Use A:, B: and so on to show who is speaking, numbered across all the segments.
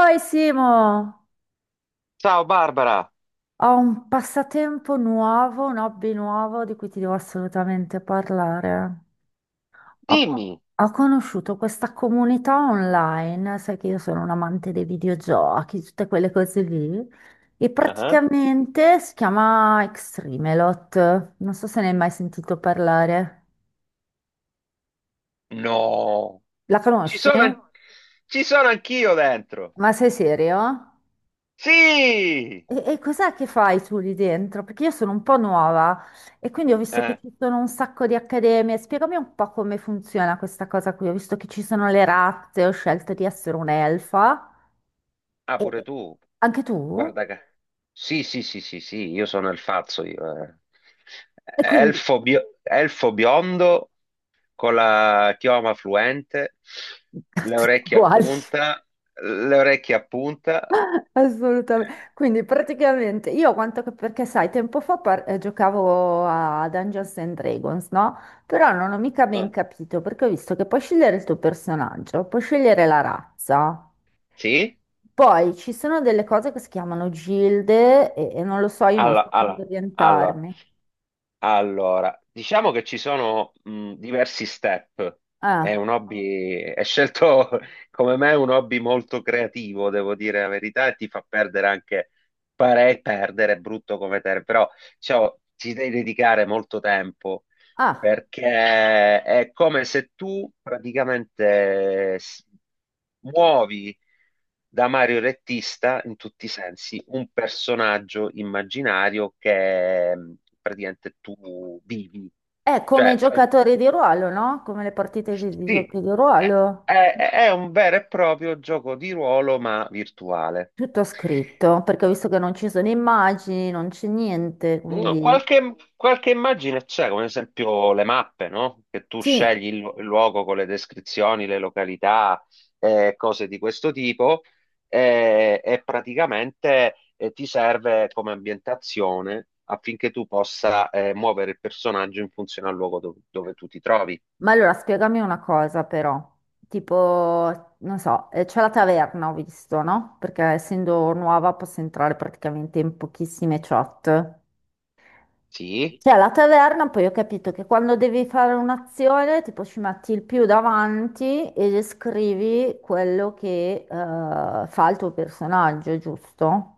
A: Oi Simo,
B: Ciao Barbara,
A: ho un passatempo nuovo, un hobby nuovo di cui ti devo assolutamente parlare. Ho,
B: dimmi.
A: ho conosciuto questa comunità online, sai che io sono un amante dei videogiochi, tutte quelle cose lì, e
B: Ah,
A: praticamente si chiama Extremelot. Non so se ne hai mai sentito parlare.
B: no,
A: La
B: ci
A: conosci?
B: sono, ci sono anch'io dentro.
A: Ma sei serio?
B: Sì.
A: E cos'è che fai tu lì dentro? Perché io sono un po' nuova e quindi ho visto che
B: Eh,
A: ci sono un sacco di accademie. Spiegami un po' come funziona questa cosa qui. Ho visto che ci sono le razze, ho scelto di essere un'elfa.
B: Ah,
A: E
B: pure
A: e-
B: tu.
A: Anche tu?
B: Guarda che... Sì, sì, sì, sì, sì, io sono il fazzo, io.
A: E quindi
B: Elfo, elfo biondo con la chioma fluente, le
A: tutti
B: orecchie a
A: uguali.
B: punta, le orecchie a punta.
A: Assolutamente. Quindi
B: Eh,
A: praticamente io quanto che perché sai, tempo fa giocavo a Dungeons and Dragons, no? Però non ho mica ben
B: eh,
A: capito perché ho visto che puoi scegliere il tuo personaggio, puoi scegliere la razza.
B: Sì?
A: Poi ci sono delle cose che si chiamano gilde e non lo so, io non
B: Allora,
A: so come
B: allora,
A: orientarmi.
B: Allora, diciamo che ci sono diversi step. È
A: Ah,
B: un hobby, è scelto come me un hobby molto creativo, devo dire la verità, e ti fa perdere anche, pare perdere, è brutto come termine, però diciamo, ci devi dedicare molto tempo
A: ah,
B: perché è come se tu praticamente muovi da Mario Rettista in tutti i sensi un personaggio immaginario che praticamente tu vivi.
A: è come
B: Cioè, fai-
A: giocatori di ruolo, no? Come le partite di
B: sì,
A: giochi di
B: è,
A: ruolo.
B: è- è un vero e proprio gioco di ruolo, ma virtuale.
A: Tutto scritto, perché ho visto che non ci sono immagini, non c'è niente,
B: No,
A: quindi...
B: qualche, qualche immagine c'è, come ad esempio le mappe, no? Che tu
A: Sì,
B: scegli il luogo con le descrizioni, le località, cose di questo tipo, e praticamente ti serve come ambientazione affinché tu possa muovere il personaggio in funzione al luogo dove tu ti trovi.
A: ma allora spiegami una cosa però. Tipo, non so, c'è la taverna, ho visto, no? Perché essendo nuova posso entrare praticamente in pochissime chat.
B: Sì?
A: Cioè, la taverna, poi ho capito che quando devi fare un'azione, tipo ci metti il più davanti e descrivi quello che fa il tuo personaggio, giusto?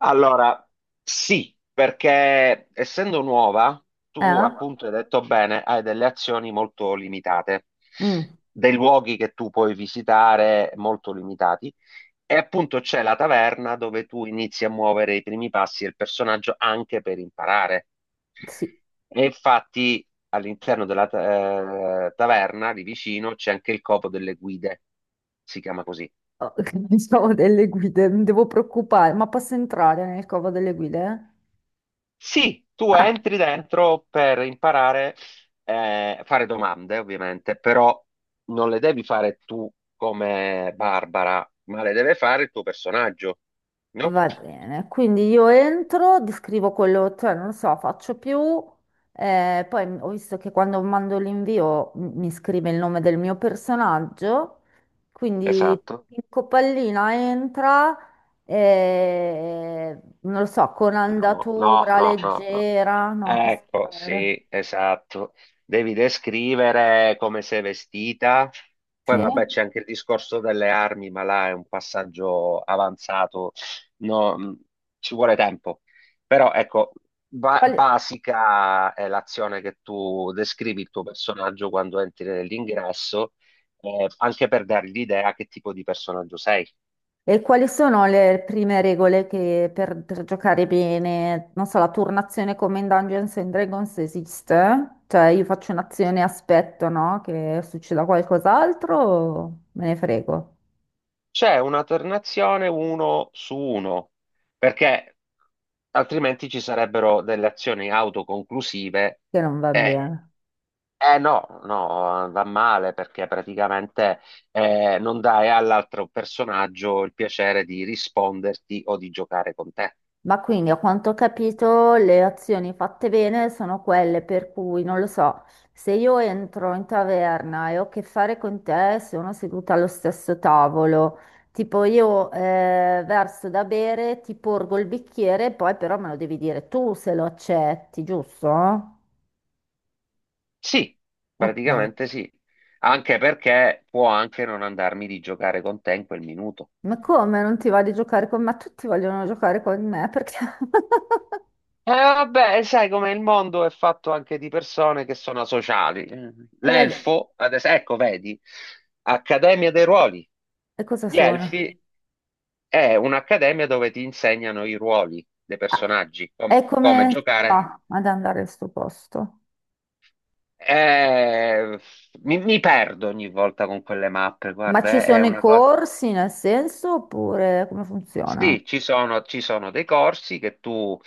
B: Allora, sì, perché essendo nuova, tu
A: Eh?
B: appunto hai detto bene, hai delle azioni molto limitate,
A: Mm,
B: dei luoghi che tu puoi visitare molto limitati. E appunto c'è la taverna dove tu inizi a muovere i primi passi del personaggio anche per imparare.
A: sì.
B: E infatti all'interno della taverna lì vicino c'è anche il copo delle guide, si chiama così.
A: Oh, pensavo delle guide, mi devo preoccupare, ma posso entrare nel covo delle guide?
B: Sì, tu
A: Ah,
B: entri dentro per imparare a fare domande, ovviamente, però non le devi fare tu come Barbara, ma le deve fare il tuo personaggio, no?
A: va bene, quindi io entro, descrivo quello, cioè non so, faccio più, poi ho visto che quando mando l'invio mi scrive il nome del mio personaggio, quindi
B: Esatto.
A: Pinco Pallina entra, non lo so, con
B: No, no,
A: andatura
B: no, no, no.
A: leggera, no, così.
B: Ecco,
A: Pare.
B: sì, esatto. Devi descrivere come sei vestita.
A: Sì.
B: Poi vabbè, c'è anche il discorso delle armi, ma là è un passaggio avanzato. No, ci vuole tempo. Però ecco,
A: Quali-
B: basica è l'azione che tu descrivi il tuo personaggio quando entri nell'ingresso, anche per dargli l'idea che tipo di personaggio sei.
A: E quali sono le prime regole che per giocare bene, non so, la turnazione come in Dungeons and Dragons esiste? Cioè io faccio un'azione e aspetto, no? Che succeda qualcos'altro o me ne frego,
B: C'è un'alternazione uno su uno, perché altrimenti ci sarebbero delle azioni autoconclusive
A: che non va
B: e
A: bene.
B: eh no, no, va male perché praticamente non dai all'altro personaggio il piacere di risponderti o di giocare con te.
A: Ma quindi, a quanto ho capito, le azioni fatte bene sono quelle per cui, non lo so, se io entro in taverna e ho a che fare con te, sono seduta allo stesso tavolo, tipo io verso da bere, ti porgo il bicchiere, poi però me lo devi dire tu se lo accetti, giusto?
B: Sì,
A: Ok.
B: praticamente sì, anche perché può anche non andarmi di giocare con te in quel minuto.
A: Ma come non ti va di giocare con me? Tutti vogliono giocare con me perché...
B: Vabbè, sai come il mondo è fatto anche di persone che sono asociali.
A: E vabbè,
B: L'elfo, adesso, ecco, vedi, Accademia dei Ruoli.
A: e cosa
B: Gli
A: sono?
B: elfi è un'accademia dove ti insegnano i ruoli dei personaggi,
A: È
B: come
A: come...
B: giocare.
A: Ah, ad andare al suo posto.
B: Eh, mi perdo ogni volta con quelle mappe,
A: Ma ci
B: guarda, è
A: sono i
B: una cosa.
A: corsi nel senso oppure come funziona?
B: Sì, ci sono dei corsi che tu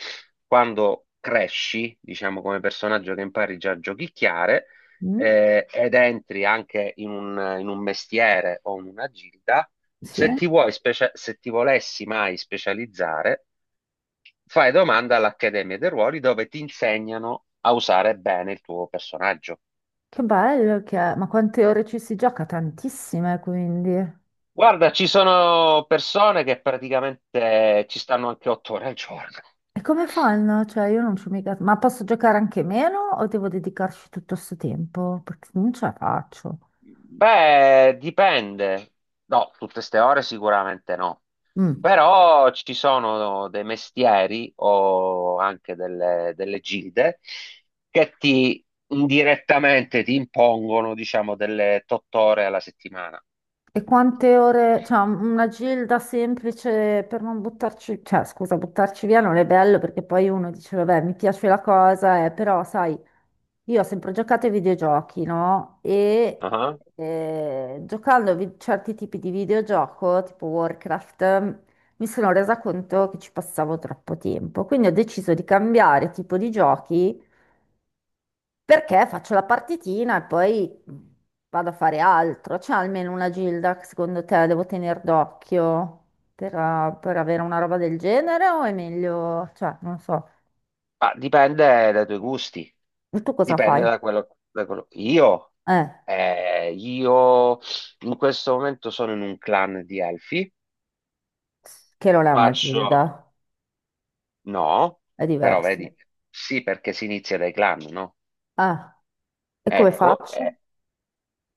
B: quando cresci, diciamo come personaggio che impari già a giochicchiare,
A: Mm?
B: ed entri anche in in un mestiere o in una gilda,
A: Sì,
B: se ti vuoi se ti volessi mai specializzare, fai domanda all'Accademia dei Ruoli dove ti insegnano a usare bene il tuo personaggio.
A: che bello che è. Ma quante ore ci si gioca? Tantissime, quindi.
B: Guarda, ci sono persone che praticamente ci stanno anche 8 ore al giorno.
A: E come fanno? Cioè, io non ci ho mica... Ma posso giocare anche meno o devo dedicarci tutto questo tempo? Perché non ce la faccio.
B: Beh, dipende. No, tutte ste ore sicuramente no.
A: Mm.
B: Però ci sono dei mestieri o anche delle, delle gilde che ti indirettamente ti impongono, diciamo, delle tot ore alla settimana.
A: E quante ore, cioè una gilda semplice per non buttarci, cioè scusa, buttarci via non è bello perché poi uno dice, vabbè, mi piace la cosa, però sai, io ho sempre giocato ai videogiochi, no? E
B: Ah.
A: giocando a certi tipi di videogioco, tipo Warcraft, mi sono resa conto che ci passavo troppo tempo, quindi ho deciso di cambiare tipo di giochi perché faccio la partitina e poi vado a fare altro. C'è almeno una Gilda che secondo te devo tenere d'occhio per avere una roba del genere o è meglio, cioè, non so.
B: Ma dipende dai tuoi gusti,
A: E tu cosa
B: dipende
A: fai?
B: da quello,
A: Eh,
B: io in questo momento sono in un clan di elfi,
A: che non è una
B: faccio.
A: Gilda,
B: No,
A: è
B: però
A: diverso.
B: vedi, sì perché si inizia dai clan, no?
A: Ah, e come
B: Ecco,
A: faccio?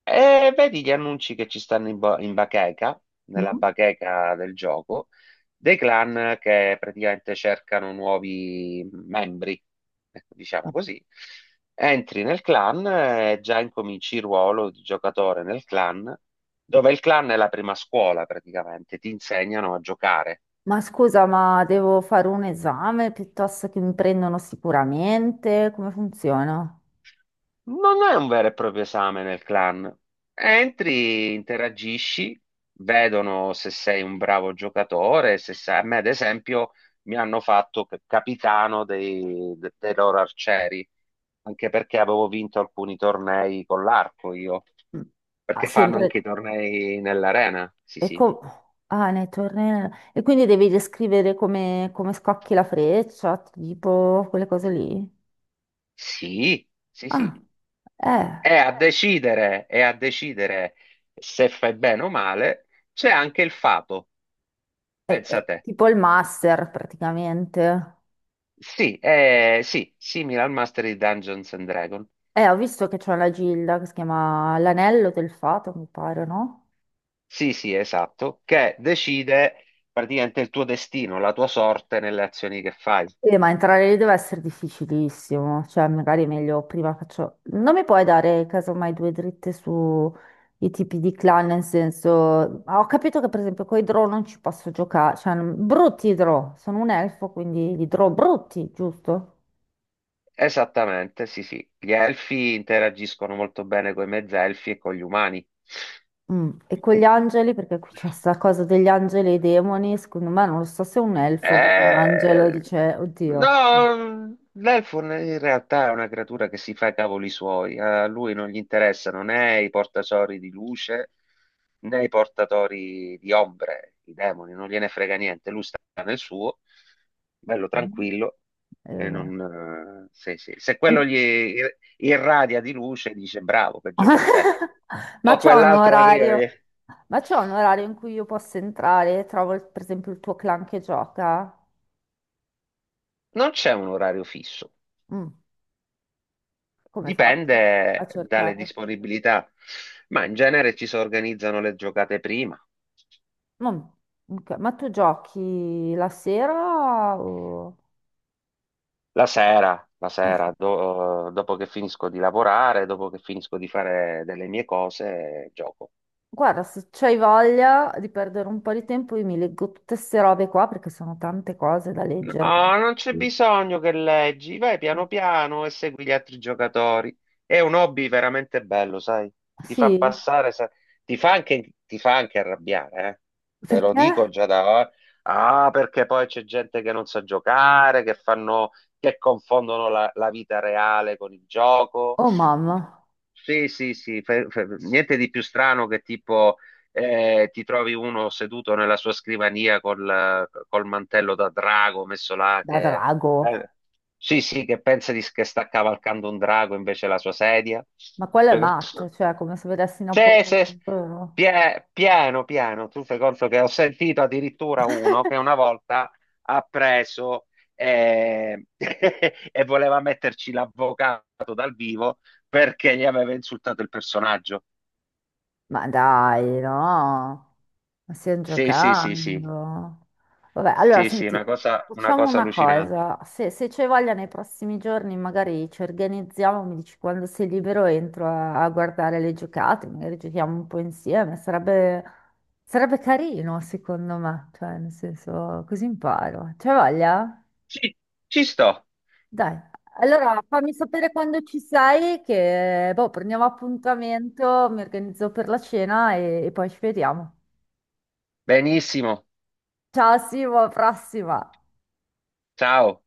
B: e vedi gli annunci che ci stanno in bacheca, nella
A: Mm?
B: bacheca del gioco, dei clan che praticamente cercano nuovi membri, ecco, diciamo così. Entri nel clan e già incominci il ruolo di giocatore nel clan, dove il clan è la prima scuola praticamente, ti insegnano a giocare.
A: Ma scusa, ma devo fare un esame piuttosto che mi prendono sicuramente? Come funziona?
B: Non è un vero e proprio esame nel clan. Entri, interagisci, vedono se sei un bravo giocatore, se sai... A me, ad esempio, mi hanno fatto capitano dei loro arcieri, anche perché avevo vinto alcuni tornei con l'arco io,
A: Mm. Ah,
B: perché fanno
A: sempre.
B: anche i tornei nell'arena. Sì,
A: E,
B: sì.
A: com- Nei tornei, e quindi devi descrivere come, come scocchi la freccia, tipo quelle cose lì.
B: Sì, sì,
A: Ah,
B: sì.
A: eh,
B: E a decidere se fai bene o male, c'è anche il fato,
A: è
B: pensa
A: è
B: te.
A: tipo il master praticamente.
B: Sì, sì, simile al master di Dungeons and Dragon.
A: Ho visto che c'è una gilda che si chiama l'anello del fato, mi pare, no?
B: Sì, sì, esatto, che decide praticamente il tuo destino, la tua sorte nelle azioni che fai.
A: Ma entrare lì deve essere difficilissimo, cioè magari è meglio prima faccio... Non mi puoi dare casomai due dritte su i tipi di clan, nel senso... Ho capito che per esempio con i draw non ci posso giocare, cioè non- brutti i draw, sono un elfo quindi i draw brutti, giusto?
B: Esattamente, sì, sì. Gli elfi interagiscono molto bene con i mezzelfi e con gli umani.
A: Mm, e con gli angeli, perché qui c'è sta cosa degli angeli e i demoni, secondo me non lo so se un elfo vede un angelo e
B: Eh,
A: dice, oddio. Mm.
B: no, l'elfo in realtà è una creatura che si fa i cavoli suoi, a lui non gli interessano né i portasori di luce né i portatori di ombre, i demoni, non gliene frega niente, lui sta nel suo, bello tranquillo, e
A: Vabbè.
B: non, sì, sì. Se
A: Ehm,
B: quello gli irradia di luce, dice bravo, peggio per te.
A: Ma
B: O
A: c'è un
B: quell'altro arriva
A: orario,
B: e-
A: ma c'è un orario in cui io posso entrare? Trovo il- per esempio il tuo clan che gioca?
B: Non c'è un orario fisso,
A: Mm, come faccio a
B: dipende dalle
A: cercare?
B: disponibilità, ma in genere ci si organizzano le giocate prima,
A: Mm, ok, ma tu giochi la sera o-
B: la
A: eh,
B: sera dopo che finisco di lavorare, dopo che finisco di fare delle mie cose, gioco.
A: guarda, se c'hai voglia di perdere un po' di tempo, io mi leggo tutte queste robe qua perché sono tante cose da
B: No,
A: leggere.
B: non c'è
A: Sì,
B: bisogno che leggi, vai piano piano e segui gli altri giocatori. È un hobby veramente bello, sai? Ti fa
A: sì?
B: passare, ti fa anche arrabbiare, eh. Te lo
A: Perché?
B: dico già da ora. Ah, perché poi c'è gente che non sa giocare, che fanno, che confondono la vita reale con il gioco.
A: Oh mamma,
B: Sì, sì, sì, niente di più strano che tipo ti trovi uno seduto nella sua scrivania col mantello da drago messo là
A: da
B: che,
A: drago.
B: eh, sì, sì, che che sta cavalcando un drago invece è la sua sedia.
A: Ma quello è
B: Cioè,
A: matto, cioè come se vedessi
B: se-
A: Napoleone
B: se-
A: ogni giorno.
B: piano, piano, tu fai conto che ho sentito addirittura uno che una volta ha preso e voleva metterci l'avvocato dal vivo perché gli aveva insultato il personaggio.
A: Ma dai, no, ma stiamo
B: Sì, sì, sì, sì.
A: giocando. Vabbè, allora
B: Sì, sì,
A: senti,
B: una
A: facciamo
B: cosa
A: una
B: allucinante.
A: cosa, se c'è voglia nei prossimi giorni magari ci organizziamo, mi dici quando sei libero entro a guardare le giocate, magari giochiamo un po' insieme, sarebbe, sarebbe carino secondo me, cioè nel senso così imparo. C'è voglia?
B: Sì, ci sto.
A: Dai, allora fammi sapere quando ci sei, che boh, prendiamo appuntamento, mi organizzo per la cena e poi ci vediamo.
B: Benissimo.
A: Ciao Simo, alla prossima!
B: Ciao.